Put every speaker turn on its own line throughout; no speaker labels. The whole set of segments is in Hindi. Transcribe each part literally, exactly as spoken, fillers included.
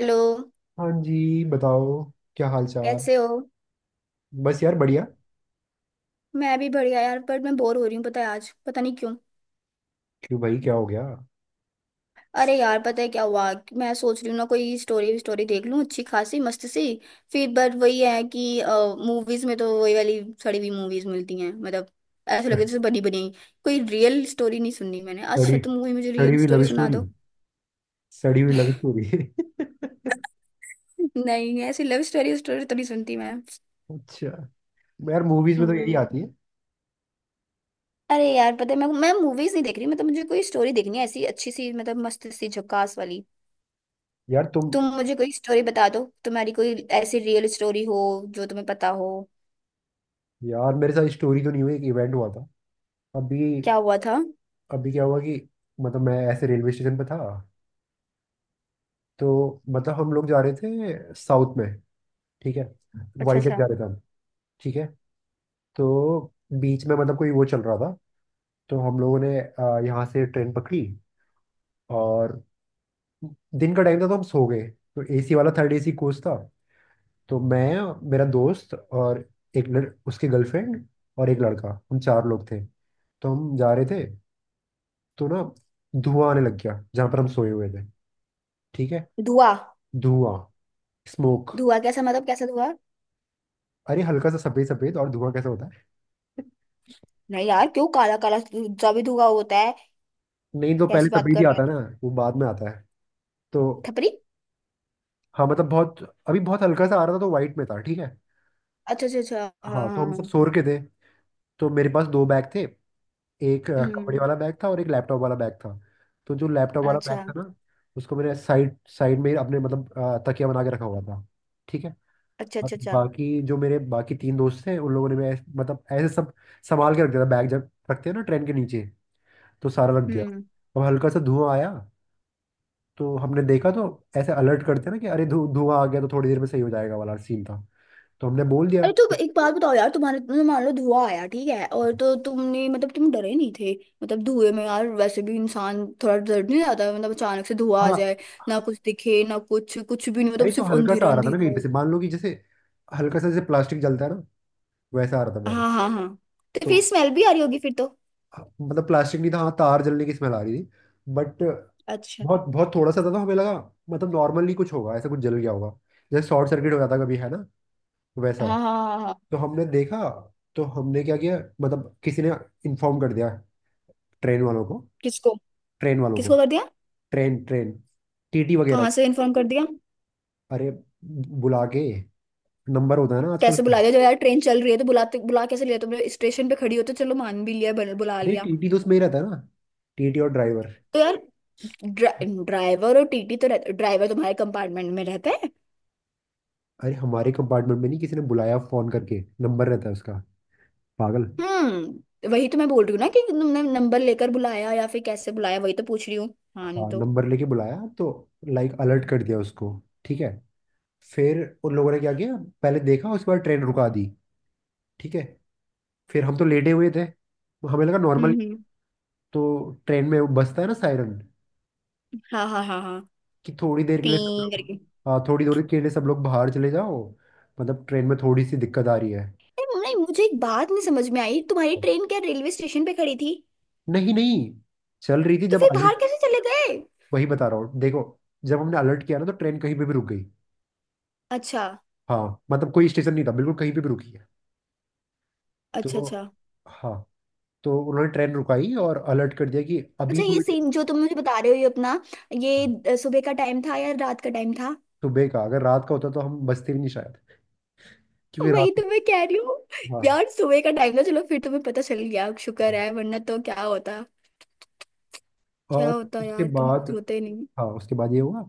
हेलो।
हाँ जी बताओ। क्या हाल चाल।
कैसे हो?
बस यार बढ़िया।
मैं भी बढ़िया यार, पर मैं बोर हो रही हूँ। पता है आज पता नहीं क्यों।
क्यों भाई, क्या हो गया?
अरे यार, पता है क्या हुआ कि मैं सोच रही हूँ ना, कोई स्टोरी स्टोरी देख लूँ, अच्छी खासी मस्त सी। फिर बट वही है कि मूवीज में तो वही वाली सड़ी हुई मूवीज मिलती हैं, मतलब ऐसा लगे जैसे बनी बनी। कोई रियल स्टोरी नहीं सुननी मैंने। अच्छा
सड़ी।
तुम मूवी मुझे
सड़ी
रियल
हुई
स्टोरी
लव
सुना
स्टोरी।
दो।
सड़ी हुई लव स्टोरी
नहीं, ऐसी लव स्टोरी स्टोरी तो नहीं सुनती मैं।
अच्छा, यार मूवीज में तो यही
हम्म।
आती है।
अरे यार, पता है मैं मैं मूवीज नहीं देख रही, मतलब मुझे कोई स्टोरी देखनी है, ऐसी अच्छी सी, मतलब मस्त सी झकास वाली।
यार तुम,
तुम मुझे कोई स्टोरी बता दो, तुम्हारी कोई ऐसी रियल स्टोरी हो जो तुम्हें पता हो।
यार मेरे साथ स्टोरी तो नहीं हुई, एक इवेंट हुआ था अभी।
क्या हुआ था?
अभी क्या हुआ कि, मतलब मैं ऐसे रेलवे स्टेशन पे था। तो मतलब हम लोग जा रहे थे साउथ में। ठीक है।
अच्छा
वाइजैक
अच्छा।
जा रहे थे हम। ठीक है। तो बीच में मतलब कोई वो चल रहा था। तो हम लोगों ने अ, यहाँ से ट्रेन पकड़ी। और दिन का टाइम था तो हम सो गए। तो एसी वाला, थर्ड एसी कोच था। तो मैं, मेरा दोस्त और एक लड़, उसकी गर्लफ्रेंड और एक लड़का, हम चार लोग थे। तो हम जा रहे थे। तो ना, धुआं आने लग गया जहां पर हम सोए हुए थे। ठीक है।
धुआं?
धुआं। स्मोक।
धुआं कैसा, मतलब कैसा धुआं?
अरे हल्का सा सफेद सफेद, और धुआं कैसे होता है?
नहीं यार, क्यों? काला काला जो भी धुआं होता है।
नहीं तो पहले
कैसी बात
सफेद ही
कर रहे
आता है ना। वो बाद में आता है। तो
हो थपरी।
हाँ मतलब बहुत, अभी बहुत हल्का सा आ रहा था तो वाइट में था। ठीक है।
अच्छा अच्छा अच्छा। हाँ
हाँ तो
हाँ
हम
हाँ।
सब सो के थे। तो मेरे पास दो बैग थे। एक अ, कपड़े
हम्म।
वाला बैग था और एक लैपटॉप वाला बैग था। तो जो लैपटॉप वाला बैग
अच्छा
था ना, उसको मैंने साइड साइड में अपने मतलब अ, तकिया बना के रखा हुआ था। ठीक है।
अच्छा
और
अच्छा। अच्छा।
बाकी जो मेरे बाकी तीन दोस्त थे उन लोगों ने, मैं मतलब ऐसे सब संभाल के रख दिया था बैग, जब रखते हैं ना ट्रेन के नीचे, तो सारा रख दिया।
हम्म।
अब हल्का सा धुआं आया। तो हमने देखा, तो ऐसे अलर्ट करते हैं ना कि अरे धु धुआं आ गया, तो थोड़ी देर में सही हो जाएगा वाला सीन था। तो हमने बोल दिया।
अरे तो एक बात बताओ यार, तुम्हारे तुमने मान लो धुआं आया, ठीक है? और तो तुमने, मतलब तुम डरे नहीं थे? मतलब धुएं में यार वैसे भी इंसान थोड़ा डर नहीं जाता, मतलब अचानक से धुआं आ
हाँ।
जाए, ना कुछ दिखे ना कुछ, कुछ भी नहीं, मतलब
अरे तो
सिर्फ
हल्का सा
अंधेरा
आ रहा था ना
अंधेरा
कहीं पे
हो।
से, मान लो कि जैसे हल्का सा, जैसे प्लास्टिक जलता है ना वैसा आ रहा था मैंने।
हाँ हाँ हाँ। तो फिर
तो
स्मेल भी आ रही होगी फिर तो।
हाँ, मतलब प्लास्टिक नहीं था, हाँ तार जलने की स्मेल आ रही थी। बट
अच्छा।
बहुत बहुत थोड़ा सा था तो हमें लगा मतलब नॉर्मली कुछ होगा, ऐसा कुछ जल गया होगा, जैसे शॉर्ट सर्किट हो जाता कभी है ना, वैसा।
हाँ हाँ हाँ हाँ।
तो हमने देखा। तो हमने क्या किया, मतलब किसी ने इन्फॉर्म कर दिया ट्रेन वालों को।
किसको?
ट्रेन वालों को।
किसको कर दिया?
ट्रेन ट्रेन टीटी वगैरह
कहाँ
को।
से इन्फॉर्म कर दिया?
अरे बुला के, नंबर होता है ना आजकल।
कैसे बुला लिया? जब यार ट्रेन चल रही है तो बुलाते बुला कैसे लिया तुमने? स्टेशन पे खड़ी हो तो चलो मान भी लिया, बन- बुला
अरे
लिया।
टीटी तो उसमें ही रहता है ना, टीटी और ड्राइवर।
तो यार, ड्रा, ड्राइवर और टीटी तो रहते, ड्राइवर तुम्हारे कंपार्टमेंट में रहते हैं।
अरे हमारे कंपार्टमेंट में नहीं, किसी ने बुलाया फोन करके, नंबर रहता है उसका। पागल।
हम्म वही तो मैं बोल रही हूँ ना कि तुमने नंबर लेकर बुलाया या फिर कैसे बुलाया, वही तो पूछ रही हूँ। हाँ नहीं
हाँ
तो।
नंबर लेके बुलाया तो, लाइक अलर्ट कर दिया उसको। ठीक है। फिर उन लोगों ने क्या किया, पहले देखा, उसके बाद ट्रेन रुका दी। ठीक है। फिर हम तो लेटे हुए थे, हमें लगा नॉर्मल।
हम्म हम्म।
तो ट्रेन में वो बजता है ना, सायरन,
हाँ हाँ हाँ हाँ।
कि थोड़ी देर के
पी
लिए सब लोग,
करके।
हाँ थोड़ी देर के लिए सब लोग बाहर चले जाओ, मतलब ट्रेन में थोड़ी सी दिक्कत आ रही है।
नहीं नहीं, मुझे एक बात नहीं समझ में आई, तुम्हारी ट्रेन क्या रेलवे स्टेशन पे खड़ी थी?
नहीं नहीं, चल रही थी
तो
जब
फिर बाहर
अलर्ट।
कैसे चले गए?
वही बता रहा हूँ देखो, जब हमने अलर्ट किया ना तो ट्रेन कहीं पे भी रुक गई।
अच्छा
हाँ मतलब कोई स्टेशन नहीं था बिल्कुल, कहीं पे भी रुकी है।
अच्छा
तो
अच्छा।
हाँ, तो उन्होंने ट्रेन रुकाई और अलर्ट कर दिया कि
अच्छा,
अभी
ये
थोड़ी देर।
सीन जो तुम मुझे बता रहे हो, ये अपना ये, अ, सुबह का टाइम था या रात का टाइम था?
सुबह का, अगर रात का होता तो हम बचते भी नहीं शायद, क्योंकि
वही
रात।
तो मैं कह रही हूँ।
हाँ हाँ।
यार सुबह का टाइम था, चलो फिर तुम्हें पता चल गया, शुक्र
हाँ।
है, वरना तो क्या होता। क्या
और
होता
उसके
यार, तुम
बाद,
आज होते ही नहीं।
हाँ उसके बाद ये हुआ।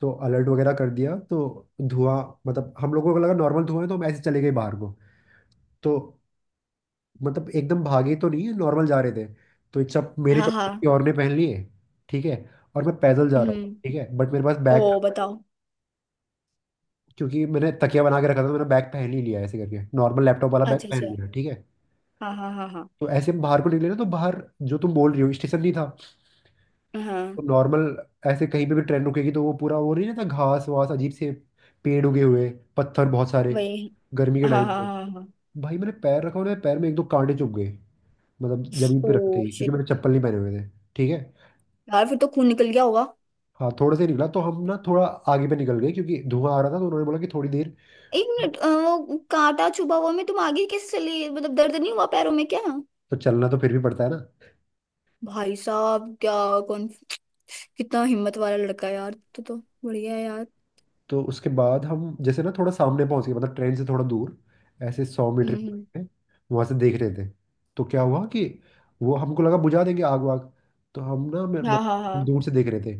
तो अलर्ट वगैरह कर दिया तो धुआं, मतलब हम लोगों को लगा नॉर्मल धुआं है तो हम ऐसे चले गए बाहर को। तो मतलब एकदम भागे तो नहीं है, नॉर्मल जा रहे थे। तो ये चप मेरे
हाँ
चप्पल किसी
हाँ।
और ने पहन लिए। ठीक है। और मैं पैदल जा रहा
हम्म।
हूँ, ठीक है, बट मेरे पास बैग था
ओ बताओ।
क्योंकि मैंने तकिया बना के रखा था। तो मैंने बैग पहन ही लिया ऐसे करके, नॉर्मल लैपटॉप वाला बैग
अच्छा
पहन
अच्छा।
लिया। ठीक है।
हाँ हाँ हाँ
तो ऐसे हम बाहर को निकले ना, तो बाहर, जो तुम बोल रही हो स्टेशन नहीं था।
हाँ हाँ।
तो नॉर्मल ऐसे कहीं पे भी ट्रेन रुकेगी तो वो पूरा वो नहीं रहता, घास वास अजीब से, पेड़ उगे हुए, पत्थर बहुत सारे,
वही।
गर्मी के
हाँ
टाइम
हाँ
पे।
हाँ हाँ।
भाई मैंने पैर रखा और मेरे पैर में एक दो कांटे चुभ गए, मतलब जमीन
ओ
पे रखते ही, क्योंकि मैंने
शिट।
चप्पल नहीं पहने हुए थे। ठीक है।
यार, फिर तो खून निकल गया होगा।
हाँ थोड़े से निकला तो हम ना थोड़ा आगे पे निकल गए, क्योंकि धुआं आ रहा था तो उन्होंने बोला कि थोड़ी देर।
एक मिनट, अ, वो कांटा चुभा हुआ में तुम आगे कैसे चली, मतलब दर्द नहीं हुआ पैरों में क्या?
तो चलना तो फिर भी पड़ता है ना।
भाई साहब क्या। कौन। कितना हिम्मत वाला लड़का है यार, तो तो। बढ़िया है यार।
तो उसके बाद हम जैसे ना थोड़ा सामने पहुंच गए, मतलब ट्रेन से थोड़ा दूर, ऐसे सौ मीटर
हम्म
की
हम्म।
दूरी पे। वहां से देख रहे थे। तो क्या हुआ कि वो, हमको लगा बुझा देंगे आग वाग। तो हम ना, मैं-
हाँ हाँ
मतलब
हाँ।
दूर से देख रहे थे।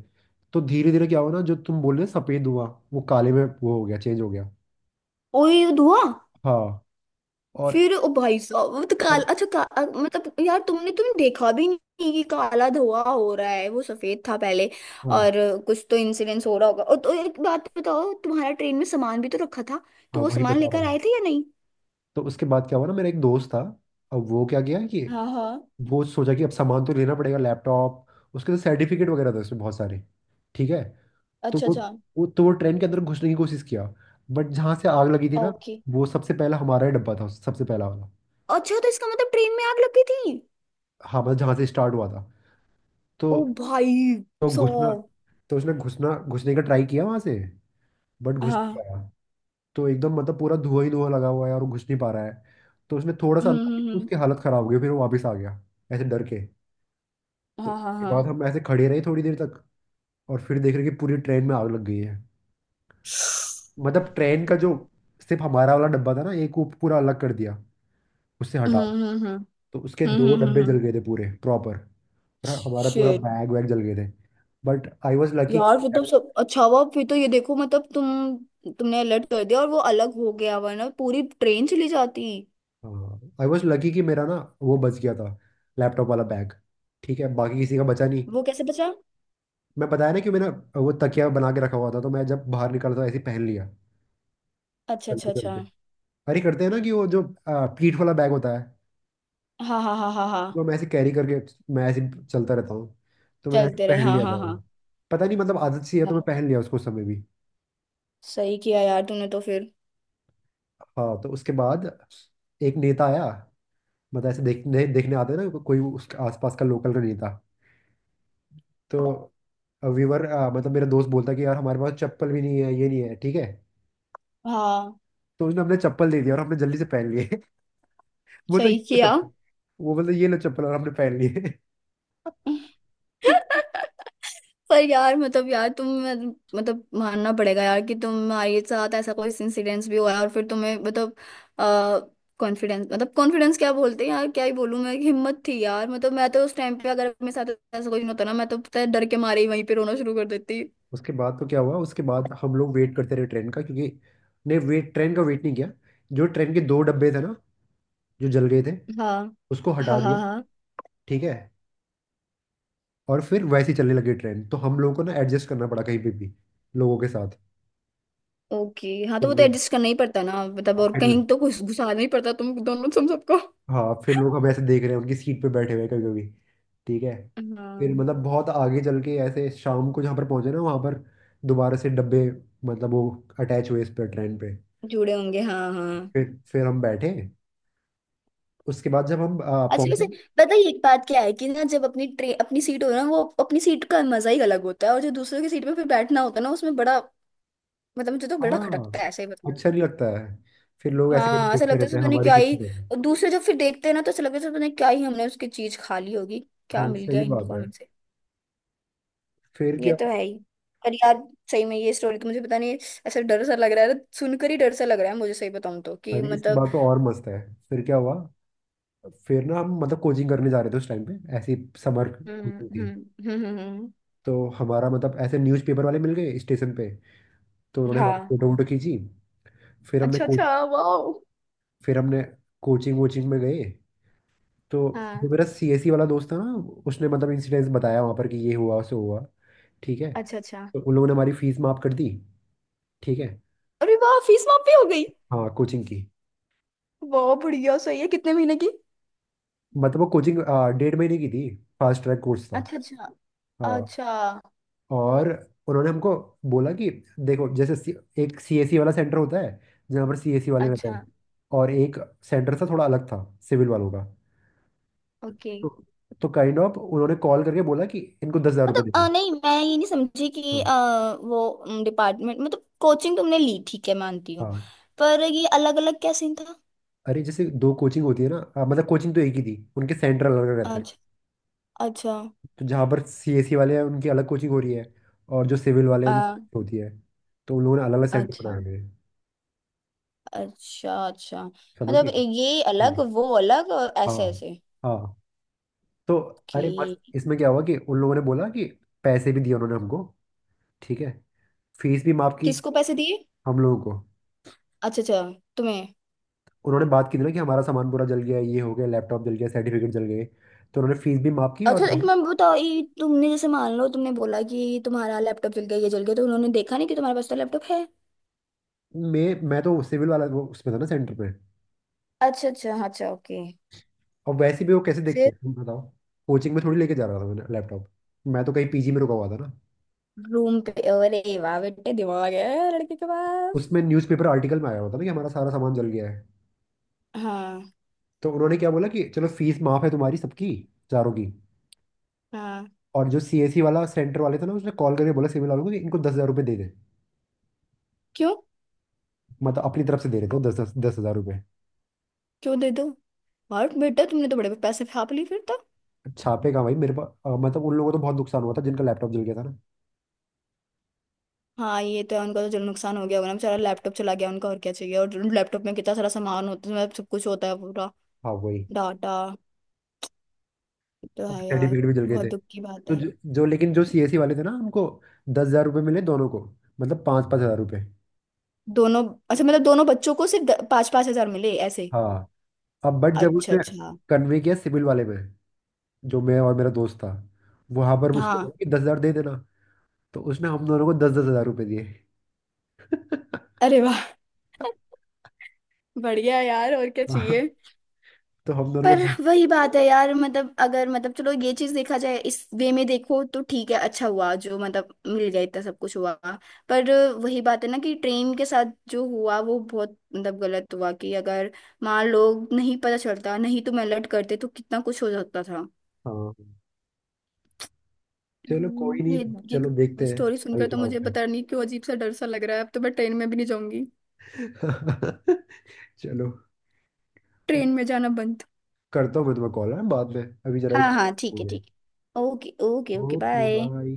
तो धीरे धीरे क्या हुआ ना, जो तुम बोल रहे हो, सफेद हुआ वो काले में, वो हो गया, चेंज हो गया।
ओए धुआ।
हाँ। और
फिर ओ भाई साहब, वो तो काला,
अब,
अच्छा का, अ, मतलब यार तुमने तुमने देखा भी नहीं कि काला धुआं हो रहा है, वो सफेद था पहले।
हाँ।
और अ, कुछ तो इंसिडेंस हो रहा होगा, और तो एक बात बताओ, तुम्हारा ट्रेन में सामान भी तो रखा था?
हाँ
तो वो
वही
सामान
बता रहा
लेकर
हूँ।
आए थे या नहीं?
तो उसके बाद क्या हुआ ना, मेरा एक दोस्त था। अब वो क्या किया कि
हाँ हाँ।
वो सोचा कि अब सामान तो लेना पड़ेगा, लैपटॉप, उसके तो सर्टिफिकेट वगैरह था उसमें बहुत सारे। ठीक है। तो
अच्छा
वो
अच्छा।
वो तो वो ट्रेन के अंदर घुसने की कोशिश किया, बट जहाँ से आग लगी थी ना,
ओके।
वो सबसे पहला हमारा ही डब्बा था, सबसे पहला वाला।
अच्छा तो इसका मतलब ट्रेन में आग लगी थी?
हाँ मतलब जहाँ से स्टार्ट हुआ था। तो
ओ भाई
तो घुसना
साहब।
तो उसने घुसना घुसने का ट्राई किया वहाँ से, बट घुस नहीं
हाँ।
पाया। तो एकदम मतलब पूरा धुआं ही धुआं लगा हुआ है और वो घुस नहीं पा रहा है। तो उसने थोड़ा सा
हम्म
अंदर
हम्म
देखा,
हम्म।
उसकी हालत खराब हो गई, फिर वो वापस आ गया, ऐसे डर के। तो
हाँ हाँ
उसके
हाँ।
बाद हम ऐसे खड़े रहे थोड़ी देर तक, और फिर देख रहे कि पूरी ट्रेन में आग लग गई है। मतलब ट्रेन का जो, सिर्फ हमारा वाला डब्बा था ना एक, वो पूरा अलग कर दिया, उससे हटा।
हम्म हम्म
तो उसके
हम्म
दो
हम्म
डब्बे
हम्म।
जल गए थे पूरे प्रॉपर, और हमारा पूरा
शिट।
बैग वैग जल गए थे। But I was lucky.
यार, फिर तो सब अच्छा हुआ फिर तो, ये देखो मतलब तुम, तुमने अलर्ट कर दिया और वो अलग हो गया, वरना पूरी ट्रेन चली जाती।
आई वॉज लकी कि मेरा ना, वो बच गया था लैपटॉप वाला बैग। ठीक है, बाकी किसी का बचा नहीं।
वो कैसे बचा?
मैं बताया ना कि मैंने वो तकिया बना के रखा हुआ था, तो मैं जब बाहर निकला था ऐसे ही पहन लिया,
अच्छा अच्छा
चलते
अच्छा।
चलते। अरे करते हैं ना कि वो जो अ, पीठ वाला बैग होता है,
हाँ हाँ हाँ हाँ हाँ।
वो मैं ऐसे कैरी करके, मैं ऐसे ही चलता रहता हूँ। तो मैंने ऐसे
चलते रहे,
पहन
हाँ
लिया
हाँ
था वो।
हाँ।
पता नहीं मतलब आदत सी है, तो मैं
हाँ।
पहन लिया उसको उस समय भी।
सही किया यार तूने तो फिर।
हाँ तो उसके बाद एक नेता आया, मतलब ऐसे देखने देखने आते हैं ना कोई, उसके आसपास का लोकल का नहीं था। तो व्यूवर, मतलब मेरा दोस्त बोलता कि यार हमारे पास चप्पल भी नहीं है, ये नहीं है। ठीक है।
हाँ,
तो उसने, हमने चप्पल दे दिया और हमने जल्दी से पहन लिए बोलता ये
सही
लो
किया।
चप्पल। वो बोलता ये लो चप्पल, और हमने पहन लिए
पर यार, मतलब यार तुम, मतलब मानना पड़ेगा यार कि तुम्हारे साथ ऐसा कोई इंसिडेंस भी हुआ है, और फिर तुम्हें मतलब, कॉन्फिडेंस, मतलब कॉन्फिडेंस क्या बोलते हैं यार, क्या ही बोलूं मैं, हिम्मत थी यार, मतलब मैं तो उस टाइम पे अगर मेरे साथ ऐसा कोई होता ना, मैं तो पता है डर के मारे ही वहीं पे रोना शुरू कर देती।
उसके बाद तो क्या हुआ, उसके बाद हम लोग वेट करते रहे ट्रेन का क्योंकि, नहीं वेट, ट्रेन का वेट नहीं किया। जो ट्रेन के दो डब्बे थे ना, जो जल गए थे,
हाँ
उसको हटा
हाँ
दिया।
हाँ हाँ।
ठीक है। और फिर वैसे ही चलने लगी ट्रेन, तो हम लोगों को ना एडजस्ट करना पड़ा कहीं पे भी, लोगों के साथ।
ओके हाँ,
तो
तो वो तो
लो-
एडजस्ट करना ही पड़ता ना, मतलब
और
और
फिर,
कहीं तो कुछ घुसाना ही पड़ता तुम दोनों तुम सबको।
हाँ फिर लोग, हम ऐसे देख रहे हैं उनकी सीट पे बैठे हुए कभी कभी। ठीक है। फिर
हाँ
मतलब बहुत आगे चल के, ऐसे शाम को जहाँ पर पहुंचे ना, वहाँ पर दोबारा से डब्बे, मतलब वो अटैच हुए इस पर, ट्रेन पे।
जुड़े होंगे, हाँ हाँ।
फिर फिर हम बैठे। उसके बाद जब हम आ,
अच्छा
पहुंचे।
वैसे पता है एक बात क्या है कि ना, जब अपनी ट्रे अपनी सीट हो ना, वो अपनी सीट का मजा ही अलग होता है, और जो दूसरों की सीट पे फिर बैठना होता है ना, उसमें बड़ा, मतलब मुझे तो बड़ा
हाँ,
खटकता है ऐसे ही, बताऊं तो।
अच्छा नहीं लगता है, फिर लोग ऐसे करके
हाँ, ऐसा
देखते
लगता है
रहते
जैसे
हैं
पता नहीं
हमारी
क्या
सीट
ही।
पे।
और दूसरे जब फिर देखते हैं ना, तो ऐसा लगता है जैसे पता नहीं क्या ही हमने उसकी चीज खा ली होगी। क्या
हाँ
मिल गया
सही बात
इनको
है।
हमसे।
फिर
ये
क्या
तो
हुआ?
है ही। पर यार, सही में ये स्टोरी तो मुझे पता नहीं, ऐसा डर सा लग रहा है, सुनकर ही डर सा लग रहा है मुझे, सही बताऊं तो, कि
अरे इसके
मतलब।
बाद तो और मस्त है। फिर क्या हुआ, फिर ना हम मतलब कोचिंग करने जा रहे थे उस टाइम पे, ऐसी समर
हम्म
कोचिंग
हम्म
थी।
हम्म हम्म, हम्म।
तो हमारा मतलब ऐसे न्यूज़पेपर वाले मिल गए स्टेशन पे, तो उन्होंने हमारी
हाँ।
फोटो वोटो खींची। फिर हमने
अच्छा
को,
अच्छा, वाह।
फिर हमने कोचिंग वोचिंग में गए। तो
हाँ।
जो मेरा सीएससी वाला दोस्त था ना, उसने मतलब इंसिडेंस बताया वहाँ पर कि ये हुआ सो हुआ। ठीक है।
अच्छा अच्छा।
तो उन लोगों ने हमारी फीस माफ कर दी। ठीक है।
अरे वाह, फीस माफी हो गई।
हाँ कोचिंग की।
वाह बढ़िया, सही है, कितने महीने की?
मतलब वो कोचिंग डेढ़ महीने की थी, फास्ट ट्रैक कोर्स था।
अच्छा अच्छा
हाँ।
अच्छा
और उन्होंने हमको बोला कि देखो, जैसे सी, एक सीएसी वाला सेंटर होता है जहाँ पर सीएसी वाले रहते
अच्छा,
हैं, और एक सेंटर था थोड़ा अलग, था सिविल वालों का।
ओके।
तो तो काइंड ऑफ उन्होंने कॉल करके बोला कि इनको दस हजार रुपये
मतलब अ,
देंगे।
नहीं, मैं ये नहीं समझी कि
हाँ।
अ, वो डिपार्टमेंट, मतलब कोचिंग तुमने ली ठीक है मानती हूँ,
हाँ
पर ये अलग अलग क्या सीन था?
अरे जैसे दो कोचिंग होती है ना, हाँ, मतलब कोचिंग तो एक ही थी, उनके सेंटर अलग अलग रहते हैं।
अच्छा अच्छा।
तो जहाँ पर सीएसी वाले हैं उनकी अलग कोचिंग हो रही है, और जो सिविल वाले हैं उनकी
आ,
होती है। तो उन लोगों ने अलग अलग सेंटर बनाए
अच्छा
हुए हैं।
अच्छा अच्छा,
समझ गए।
मतलब ये
हाँ
अलग वो अलग और ऐसे
हाँ
ऐसे।
हाँ। तो अरे मस्त,
कि
इसमें क्या हुआ कि उन लोगों ने बोला कि पैसे भी दिए उन्होंने हमको। ठीक है। फीस भी माफ की।
किसको पैसे दिए?
हम लोगों को।
अच्छा अच्छा। तुम्हें?
उन्होंने बात की थी ना कि हमारा सामान पूरा जल गया, ये हो गया, लैपटॉप जल गया, सर्टिफिकेट जल गए। तो उन्होंने फीस भी माफ की और,
अच्छा एक मैं बताओ, ये तुमने जैसे मान लो तुमने बोला कि तुम्हारा लैपटॉप जल गया, ये जल गया, तो उन्होंने देखा नहीं कि तुम्हारे पास तो लैपटॉप है?
मैं मैं तो सिविल वाला वो उसमें था ना सेंटर पे।
अच्छा अच्छा अच्छा, ओके।
और वैसे भी वो कैसे देखते
फिर?
हैं, तुम बताओ। कोचिंग में थोड़ी लेके जा रहा था मैंने लैपटॉप, मैं तो कहीं पीजी में रुका हुआ था ना।
रूम पे? अरे वाह बेटे, दिमाग है लड़के के पास।
उसमें न्यूज़पेपर आर्टिकल में आया हुआ था ना कि हमारा सारा सामान जल गया है।
हाँ
तो उन्होंने क्या बोला कि चलो फीस माफ है तुम्हारी सबकी, चारों की।
हाँ।
और जो सीएससी वाला, सेंटर वाले थे ना, उसने कॉल करके बोला सिविल वालों को कि इनको दस हजार रुपये दे दे।
क्यों?
मतलब अपनी तरफ से दे रहे थे वो, दस दस दस हजार रुपये।
क्यों दे दो? और बेटा तुमने तो बड़े पैसे फाप लिए फिर तो।
छापे का भाई मेरे पास, अ, मतलब उन लोगों को तो बहुत नुकसान हुआ था जिनका लैपटॉप जल गया था ना।
हाँ, ये तो है, उनका तो जो नुकसान हो गया होगा ना, बेचारा लैपटॉप चला गया उनका, और क्या चाहिए, और लैपटॉप में कितना सारा सामान होता है, उसमें सब कुछ होता है पूरा
हाँ वही।
डाटा, तो
और
है यार।
सर्टिफिकेट भी जल गए
बहुत
थे।
दुख की बात
तो
है।
जो, जो लेकिन जो सीएससी वाले थे ना, हमको दस हजार रुपये मिले दोनों को, मतलब पाँच पाँच हजार रुपये।
दोनों? अच्छा मतलब दोनों बच्चों को सिर्फ पांच पांच हजार मिले ऐसे?
हाँ। अब बट जब
अच्छा
उसने
अच्छा।
कन्वे किया सिविल वाले में, जो मैं और मेरा दोस्त था, वहां पर उसने
हाँ।
बोला कि दस हजार दे देना। तो उसने हम दोनों को दस दस हजार रुपये दिए
अरे वाह। बढ़िया यार, और क्या चाहिए।
हाँ, तो हम दोनों को
पर
दस-।
वही बात है यार, मतलब अगर, मतलब चलो ये चीज देखा जाए इस वे में, देखो तो ठीक है, अच्छा हुआ जो मतलब मिल गया इतना सब कुछ हुआ। पर वही बात है ना कि ट्रेन के साथ जो हुआ वो बहुत मतलब गलत हुआ, कि अगर मान लो नहीं पता चलता, नहीं तो मैं अलर्ट करते तो कितना कुछ हो सकता था।
हाँ चलो कोई
हम्म। ये
नहीं, चलो देखते
ये
हैं
स्टोरी
अभी
सुनकर तो
क्या
मुझे
होता है।
पता नहीं क्यों अजीब सा डर सा लग रहा है, अब तो मैं ट्रेन में भी नहीं जाऊंगी।
चलो,
ट्रेन में जाना बंद।
करता हूँ मैं तुम्हें कॉल, है बाद में, अभी जरा एक,
हाँ हाँ, ठीक
हो
है
गए।
ठीक है, okay okay okay,
okay
bye.
Bye.